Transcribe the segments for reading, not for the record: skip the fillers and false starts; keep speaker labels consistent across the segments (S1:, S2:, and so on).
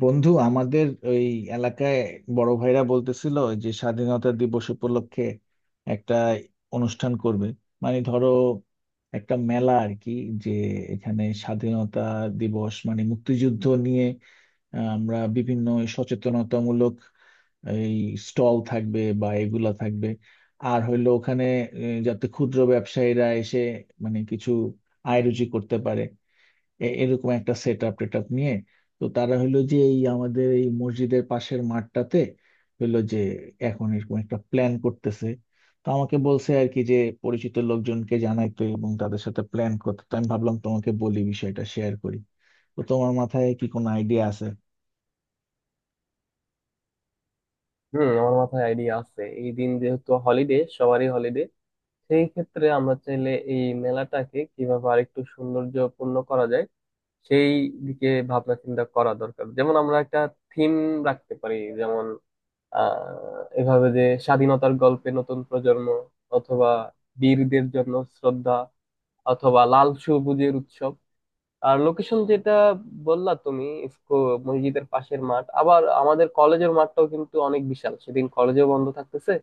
S1: বন্ধু আমাদের ওই এলাকায় বড় ভাইরা বলতেছিল যে স্বাধীনতা দিবস উপলক্ষে একটা অনুষ্ঠান করবে, মানে ধরো একটা মেলা আর কি। যে এখানে স্বাধীনতা দিবস মানে মুক্তিযুদ্ধ নিয়ে আমরা বিভিন্ন সচেতনতামূলক এই স্টল থাকবে বা এগুলা থাকবে। আর হইলো ওখানে যাতে ক্ষুদ্র ব্যবসায়ীরা এসে মানে কিছু আয় রুজি করতে পারে, এরকম একটা সেট আপ টেট আপ নিয়ে। তো তারা হলো যে এই আমাদের এই মসজিদের পাশের মাঠটাতে হলো যে এখন এরকম একটা প্ল্যান করতেছে। তো আমাকে বলছে আর কি যে পরিচিত লোকজনকে জানাইতে এবং তাদের সাথে প্ল্যান করতে। তো আমি ভাবলাম তোমাকে বলি, বিষয়টা শেয়ার করি। তো তোমার মাথায় কি কোনো আইডিয়া আছে?
S2: হুম, আমার মাথায় আইডিয়া আছে। এই দিন যেহেতু হলিডে, সবারই হলিডে, সেই ক্ষেত্রে আমরা চাইলে এই মেলাটাকে কিভাবে আরেকটু সৌন্দর্যপূর্ণ করা যায় সেই দিকে ভাবনা চিন্তা করা দরকার। যেমন আমরা একটা থিম রাখতে পারি, যেমন এভাবে যে, স্বাধীনতার গল্পে নতুন প্রজন্ম, অথবা বীরদের জন্য শ্রদ্ধা, অথবা লাল সবুজের উৎসব। আর লোকেশন যেটা বললা তুমি, ইফকো মসজিদের পাশের মাঠ, আবার আমাদের কলেজের মাঠটাও কিন্তু অনেক বিশাল, সেদিন কলেজেও বন্ধ থাকতেছে।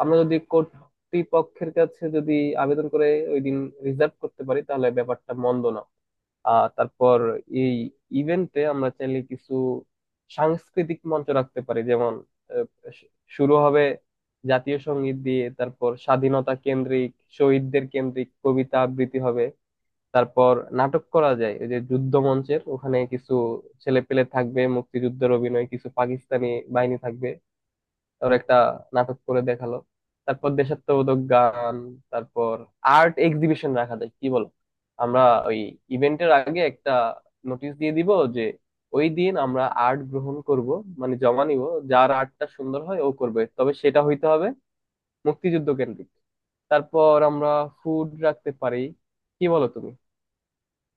S2: আমরা যদি কর্তৃপক্ষের কাছে যদি আবেদন করে ওই দিন রিজার্ভ করতে পারি, তাহলে ব্যাপারটা মন্দ না। আর তারপর এই ইভেন্টে আমরা চাইলে কিছু সাংস্কৃতিক মঞ্চ রাখতে পারি, যেমন আহ, শু- শুরু হবে জাতীয় সঙ্গীত দিয়ে, তারপর স্বাধীনতা কেন্দ্রিক, শহীদদের কেন্দ্রিক কবিতা আবৃত্তি হবে। তারপর নাটক করা যায়, ওই যে যুদ্ধ মঞ্চের ওখানে কিছু ছেলে পেলে থাকবে, মুক্তিযুদ্ধের অভিনয়, কিছু পাকিস্তানি বাহিনী থাকবে, ওর একটা নাটক করে দেখালো। তারপর দেশাত্মবোধক গান, তারপর আর্ট এক্সিবিশন রাখা যায়, কি বলো? আমরা ওই ইভেন্টের আগে একটা নোটিশ দিয়ে দিব যে ওই দিন আমরা আর্ট গ্রহণ করব, মানে জমা নিব। যার আর্টটা সুন্দর হয় ও করবে, তবে সেটা হইতে হবে মুক্তিযুদ্ধ কেন্দ্রিক। তারপর আমরা ফুড রাখতে পারি, কি বলো তুমি?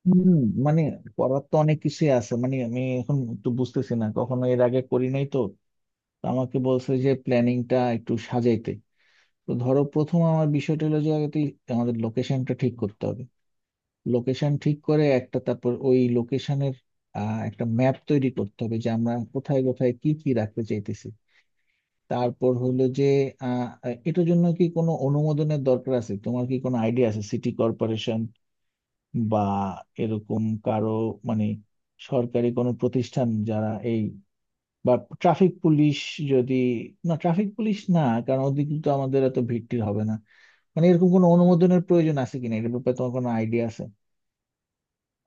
S1: হম। মানে করার তো অনেক কিছুই আছে, মানে আমি এখন একটু বুঝতেছি না, কখনো এর আগে করি নাই তো। তো আমাকে বলছে যে প্ল্যানিংটা একটু সাজাইতে। তো ধরো প্রথম আমার বিষয়টা হলো যে আগে তুই আমাদের লোকেশনটা ঠিক করতে হবে। লোকেশন ঠিক করে একটা, তারপর ওই লোকেশনের একটা ম্যাপ তৈরি করতে হবে যে আমরা কোথায় কোথায় কি কি রাখতে চাইতেছি। তারপর হলো যে আহ, এটার জন্য কি কোনো অনুমোদনের দরকার আছে? তোমার কি কোনো আইডিয়া আছে? সিটি কর্পোরেশন বা এরকম কারো, মানে সরকারি কোনো প্রতিষ্ঠান যারা এই, বা ট্রাফিক পুলিশ যদি, না ট্রাফিক পুলিশ না, কারণ ওদিকে তো আমাদের এত ভিড় টির হবে না। মানে এরকম কোনো অনুমোদনের প্রয়োজন আছে কিনা এটার ব্যাপারে তোমার কোনো আইডিয়া আছে?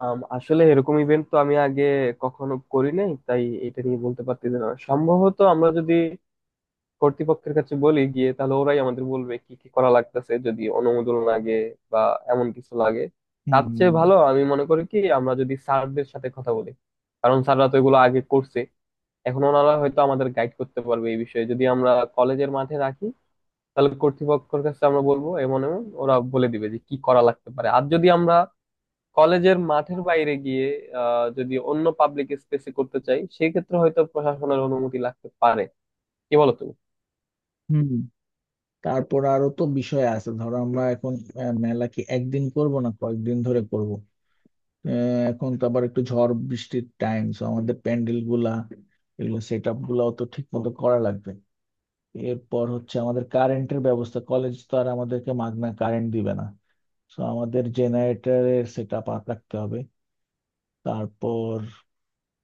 S2: আসলে এরকম ইভেন্ট তো আমি আগে কখনো করি নাই, তাই এটা নিয়ে বলতে পারতেছি না। সম্ভবত আমরা যদি কর্তৃপক্ষের কাছে বলি গিয়ে, তাহলে ওরাই আমাদের বলবে কি কি করা লাগতেছে, যদি অনুমোদন লাগে বা এমন কিছু লাগে। তার
S1: হুম।
S2: চেয়ে ভালো আমি মনে করি কি, আমরা যদি স্যারদের সাথে কথা বলি, কারণ স্যাররা তো এগুলো আগে করছে, এখন ওনারা হয়তো আমাদের গাইড করতে পারবে এই বিষয়ে। যদি আমরা কলেজের মাঠে রাখি, তাহলে কর্তৃপক্ষের কাছে আমরা বলবো, এমন এমন ওরা বলে দিবে যে কি করা লাগতে পারে। আর যদি আমরা কলেজের মাঠের বাইরে গিয়ে যদি অন্য পাবলিক স্পেসে করতে চাই, সেক্ষেত্রে হয়তো প্রশাসনের অনুমতি লাগতে পারে। কি বলো তুমি?
S1: হুম। তারপর আরো তো বিষয় আছে, ধরো আমরা এখন মেলা কি একদিন করব না কয়েকদিন ধরে করব? আহ, এখন তো আবার একটু ঝড় বৃষ্টির টাইম, সো আমাদের প্যান্ডেল গুলা, এগুলো সেট আপ গুলাও তো ঠিক মতো করা লাগবে। এরপর হচ্ছে আমাদের কারেন্টের ব্যবস্থা, কলেজ তো আর আমাদেরকে মাগনা কারেন্ট দিবে না, সো আমাদের জেনারেটরের সেট আপ রাখতে হবে। তারপর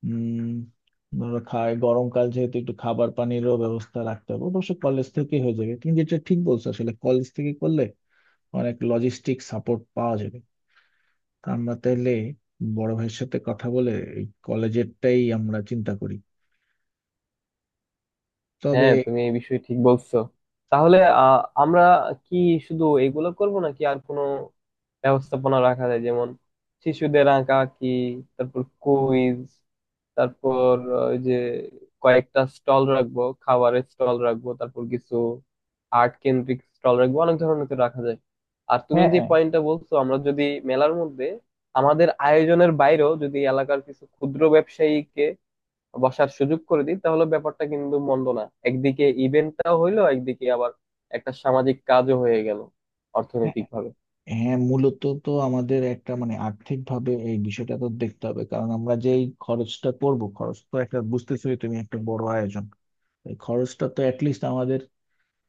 S1: উম ওরা খায়, গরমকাল যেহেতু একটু খাবার পানিরও ব্যবস্থা রাখতে হবে, অবশ্য কলেজ থেকে হয়ে যাবে। কিন্তু এটা ঠিক বলছো, আসলে কলেজ থেকে করলে অনেক লজিস্টিক সাপোর্ট পাওয়া যাবে। তা আমরা তাহলে বড় ভাইয়ের সাথে কথা বলে এই কলেজেরটাই আমরা চিন্তা করি। তবে
S2: হ্যাঁ, তুমি এই বিষয়ে ঠিক বলছো। তাহলে আমরা কি শুধু এগুলো করব নাকি আর কোনো ব্যবস্থাপনা রাখা যায়, যেমন শিশুদের আঁকা কি, তারপর কুইজ, তারপর ওই যে কয়েকটা স্টল রাখবো, খাবারের স্টল রাখবো, তারপর কিছু আর্ট কেন্দ্রিক স্টল রাখবো। অনেক ধরনের তো রাখা যায়। আর তুমি
S1: হ্যাঁ,
S2: যে
S1: হ্যাঁ।
S2: পয়েন্টটা বলছো, আমরা যদি মেলার মধ্যে আমাদের আয়োজনের বাইরেও যদি এলাকার কিছু ক্ষুদ্র ব্যবসায়ীকে বসার সুযোগ করে দিই, তাহলে ব্যাপারটা কিন্তু মন্দ না। একদিকে ইভেন্টটাও হইলো, একদিকে আবার একটা সামাজিক কাজও হয়ে গেল,
S1: হ্যাঁ,
S2: অর্থনৈতিক ভাবে।
S1: হ্যাঁ, মূলত তো আমাদের একটা, মানে আর্থিক ভাবে এই বিষয়টা তো দেখতে হবে, কারণ আমরা যেই খরচটা করব, খরচ তো একটা বুঝতেছোই তুমি, একটা বড় আয়োজন। এই খরচটা তো অ্যাটলিস্ট আমাদের,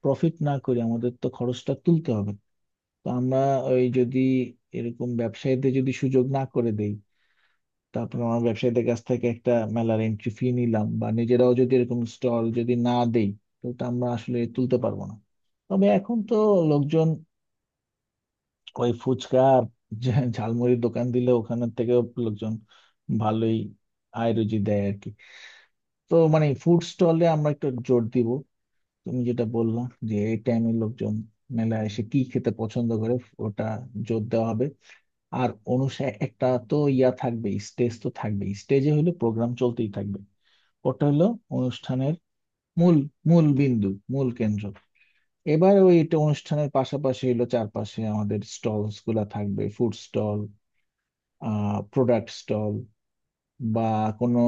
S1: প্রফিট না করে আমাদের তো খরচটা তুলতে হবে। তো আমরা ওই যদি এরকম ব্যবসায়ীদের যদি সুযোগ না করে দেই, তারপর আমরা ব্যবসায়ীদের কাছ থেকে একটা মেলার এন্ট্রি ফি নিলাম, বা নিজেরাও যদি এরকম স্টল যদি না দেই, তো তা আমরা আসলে তুলতে পারবো না। তবে এখন তো লোকজন ওই ফুচকা আর ঝালমুড়ির দোকান দিলে ওখানের থেকেও লোকজন ভালোই আয় রুজি দেয় আর কি। তো মানে ফুড স্টলে আমরা একটু জোর দিব। তুমি যেটা বললা যে এই টাইমে লোকজন মেলায় এসে কি খেতে পছন্দ করে, ওটা জোর দেওয়া হবে। আর অনুষ্ঠান একটা তো ইয়া থাকবে, স্টেজ তো থাকবে, স্টেজে হলো প্রোগ্রাম চলতেই থাকবে। ওটা হলো অনুষ্ঠানের মূল মূল বিন্দু, মূল কেন্দ্র। এবার ওই এটা অনুষ্ঠানের পাশাপাশি হলো চারপাশে আমাদের স্টলস গুলা থাকবে, ফুড স্টল, আহ প্রোডাক্ট স্টল, বা কোনো,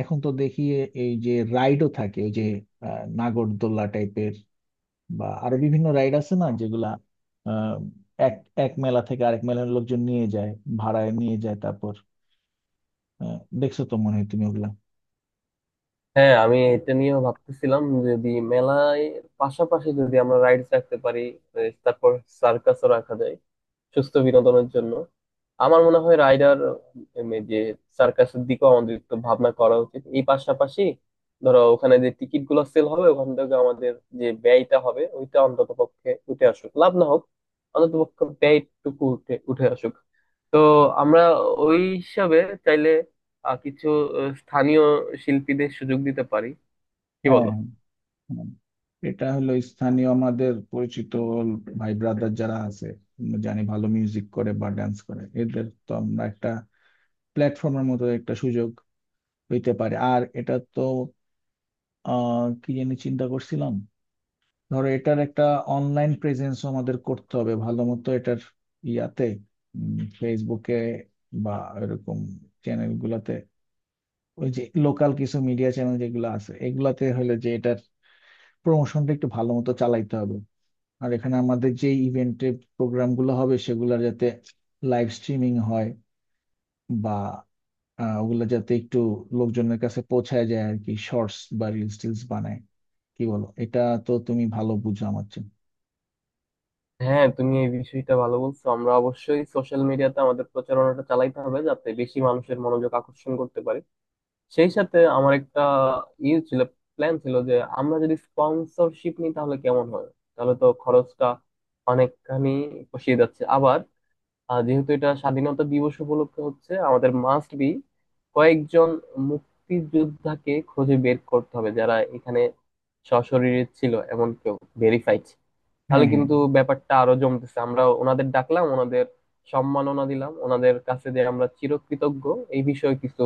S1: এখন তো দেখি এই যে রাইডও থাকে, ওই যে নাগরদোল্লা টাইপের বা আরো বিভিন্ন রাইড আছে না, যেগুলা আহ, এক এক মেলা থেকে আরেক মেলার লোকজন নিয়ে যায়, ভাড়ায় নিয়ে যায়। তারপর দেখছো তো মনে হয় তুমি ওগুলা।
S2: হ্যাঁ, আমি এটা নিয়েও ভাবতেছিলাম, যদি মেলায় পাশাপাশি যদি আমরা রাইডস রাখতে পারি, তারপর সার্কাসও রাখা যায় সুস্থ বিনোদনের জন্য। আমার মনে হয় রাইডার, এই যে সার্কাসের দিকেও আমাদের একটু ভাবনা করা উচিত। এই পাশাপাশি ধরো ওখানে যে টিকিট গুলো সেল হবে ওখান থেকে আমাদের যে ব্যয়টা হবে ওইটা অন্তত পক্ষে উঠে আসুক, লাভ না হোক অন্তত পক্ষে ব্যয়টুকু উঠে উঠে আসুক। তো আমরা ওই হিসাবে চাইলে কিছু স্থানীয় শিল্পীদের সুযোগ দিতে পারি, কি বলো?
S1: হ্যাঁ, হ্যাঁ। এটা হলো স্থানীয় আমাদের পরিচিত ভাই ব্রাদার যারা আছে, আমরা জানি ভালো মিউজিক করে বা ডান্স করে, এদের তো আমরা একটা প্ল্যাটফর্মের মতো একটা সুযোগ পেতে পারি। আর এটা তো আহ কি জানি চিন্তা করছিলাম, ধরো এটার একটা অনলাইন প্রেজেন্সও আমাদের করতে হবে ভালো মতো, এটার ইয়াতে, ফেসবুকে বা এরকম চ্যানেল গুলাতে, ওই যে লোকাল কিছু মিডিয়া চ্যানেল যেগুলো আছে এগুলাতে হলে যে এটা প্রমোশনটা একটু ভালো মতো চালাইতে হবে। আর এখানে আমাদের যে ইভেন্টে প্রোগ্রামগুলো হবে সেগুলো যাতে লাইভ স্ট্রিমিং হয় বা ওগুলো যাতে একটু লোকজনের কাছে পৌঁছায় যায় আর কি, শর্টস বা রিলস টিলস বানায়, কি বলো এটা? তো তুমি ভালো বুঝো আমার চেয়ে।
S2: হ্যাঁ, তুমি এই বিষয়টা ভালো বলছো। আমরা অবশ্যই সোশ্যাল মিডিয়াতে আমাদের প্রচারণাটা চালাইতে হবে যাতে বেশি মানুষের মনোযোগ আকর্ষণ করতে পারি। সেই সাথে আমার একটা ইয়ে ছিল, প্ল্যান ছিল যে আমরা যদি স্পন্সরশিপ নিই তাহলে কেমন হয়? তাহলে তো খরচটা অনেকখানি পোষিয়ে যাচ্ছে। আবার যেহেতু এটা স্বাধীনতা দিবস উপলক্ষে হচ্ছে, আমাদের মাস্ট বি কয়েকজন মুক্তিযোদ্ধাকে খুঁজে বের করতে হবে যারা এখানে সশরীরে ছিল, এমন কেউ ভেরিফাইড। তাহলে
S1: হ্যাঁ, হ্যাঁ।
S2: কিন্তু ব্যাপারটা আরো জমতেছে। আমরা ওনাদের ডাকলাম, ওনাদের সম্মাননা দিলাম, ওনাদের কাছে যে আমরা চিরকৃতজ্ঞ এই বিষয়ে কিছু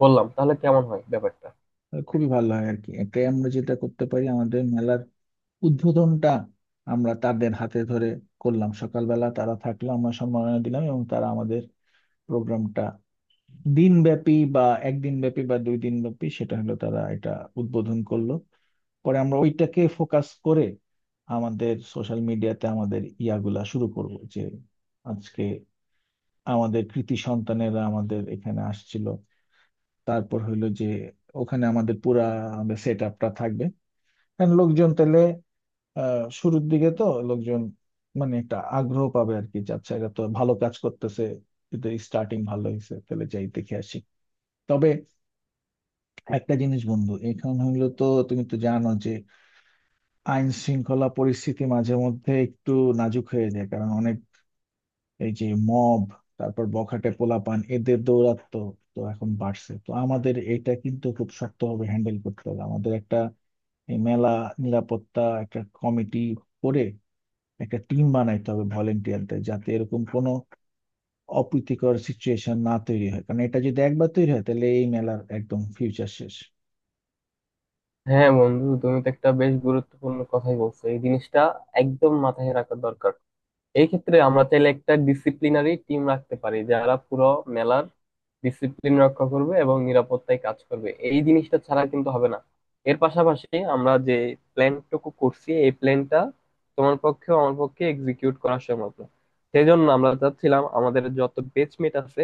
S2: বললাম, তাহলে কেমন হয় ব্যাপারটা?
S1: তাহলে খুবই ভালো হয় আর কি। এটাই আমরা যেটা করতে পারি, আমাদের মেলার উদ্বোধনটা আমরা তাদের হাতে ধরে করলাম, সকালবেলা তারা থাকলো, আমরা সম্মাননা দিলাম, এবং তারা আমাদের প্রোগ্রামটা দিনব্যাপী বা একদিন ব্যাপী বা দুই দিন ব্যাপী সেটা হলো তারা এটা উদ্বোধন করলো। পরে আমরা ওইটাকে ফোকাস করে আমাদের সোশ্যাল মিডিয়াতে আমাদের ইয়াগুলা শুরু করব যে আজকে আমাদের কৃতি সন্তানেরা আমাদের এখানে আসছিল। তারপর হইলো যে ওখানে আমাদের পুরা আমাদের সেট আপটা থাকবে, কারণ লোকজন তাহলে আহ শুরুর দিকে তো লোকজন মানে একটা আগ্রহ পাবে আর কি, যে আচ্ছা এরা তো ভালো কাজ করতেছে, এদের স্টার্টিং ভালো হয়েছে, তাহলে যাই দেখে আসি। তবে একটা জিনিস বন্ধু এখন হইলো, তো তুমি তো জানো যে আইন শৃঙ্খলা পরিস্থিতি মাঝে মধ্যে একটু নাজুক হয়ে যায়, কারণ অনেক এই যে মব, তারপর বখাটে পোলাপান এদের দৌরাত্ম্য তো এখন বাড়ছে। তো আমাদের এটা কিন্তু খুব শক্তভাবে হ্যান্ডেল করতে হবে। আমাদের একটা এই মেলা নিরাপত্তা একটা কমিটি করে একটা টিম বানাইতে হবে ভলেন্টিয়ারদের, যাতে এরকম কোনো অপ্রীতিকর সিচুয়েশন না তৈরি হয়, কারণ এটা যদি একবার তৈরি হয় তাহলে এই মেলার একদম ফিউচার শেষ।
S2: হ্যাঁ বন্ধু, তুমি তো একটা বেশ গুরুত্বপূর্ণ কথাই বলছো। এই জিনিসটা একদম মাথায় রাখা দরকার। এই ক্ষেত্রে আমরা চাইলে একটা ডিসিপ্লিনারি টিম রাখতে পারি, যারা পুরো মেলার ডিসিপ্লিন রক্ষা করবে এবং নিরাপত্তায় কাজ করবে। এই জিনিসটা ছাড়া কিন্তু হবে না। এর পাশাপাশি আমরা যে প্ল্যানটুকু করছি, এই প্ল্যানটা তোমার পক্ষে আমার পক্ষে এক্সিকিউট করা সম্ভব না। সেই জন্য আমরা চাচ্ছিলাম আমাদের যত বেচমেট আছে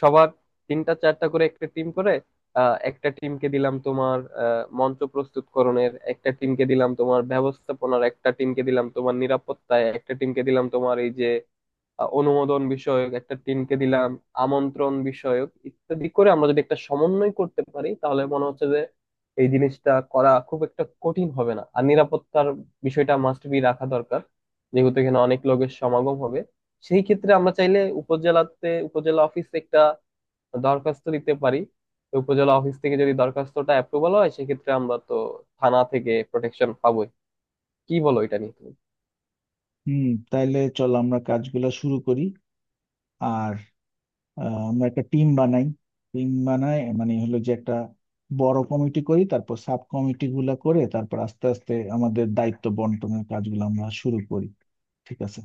S2: সবার তিনটা চারটা করে একটা টিম করে, একটা টিমকে দিলাম তোমার মঞ্চ প্রস্তুতকরণের, একটা টিমকে দিলাম তোমার ব্যবস্থাপনার, একটা টিমকে দিলাম তোমার নিরাপত্তায়, একটা টিমকে দিলাম তোমার এই যে অনুমোদন বিষয়ক, একটা টিমকে দিলাম আমন্ত্রণ বিষয়ক, ইত্যাদি করে আমরা যদি একটা সমন্বয় করতে পারি, তাহলে মনে হচ্ছে যে এই জিনিসটা করা খুব একটা কঠিন হবে না। আর নিরাপত্তার বিষয়টা মাস্ট বি রাখা দরকার, যেহেতু এখানে অনেক লোকের সমাগম হবে। সেই ক্ষেত্রে আমরা চাইলে উপজেলাতে, উপজেলা অফিস একটা দরখাস্ত দিতে পারি। তো উপজেলা অফিস থেকে যদি দরখাস্তটা অ্যাপ্রুভাল হয়, সেক্ষেত্রে আমরা তো থানা থেকে প্রোটেকশন পাবোই। কি বলো এটা নিয়ে তুমি?
S1: হুম। তাইলে চল আমরা কাজগুলা শুরু করি। আর আমরা একটা টিম বানাই। টিম বানাই মানে হলো যে একটা বড় কমিটি করি, তারপর সাব কমিটি গুলা করে তারপর আস্তে আস্তে আমাদের দায়িত্ব বন্টনের কাজগুলো আমরা শুরু করি। ঠিক আছে।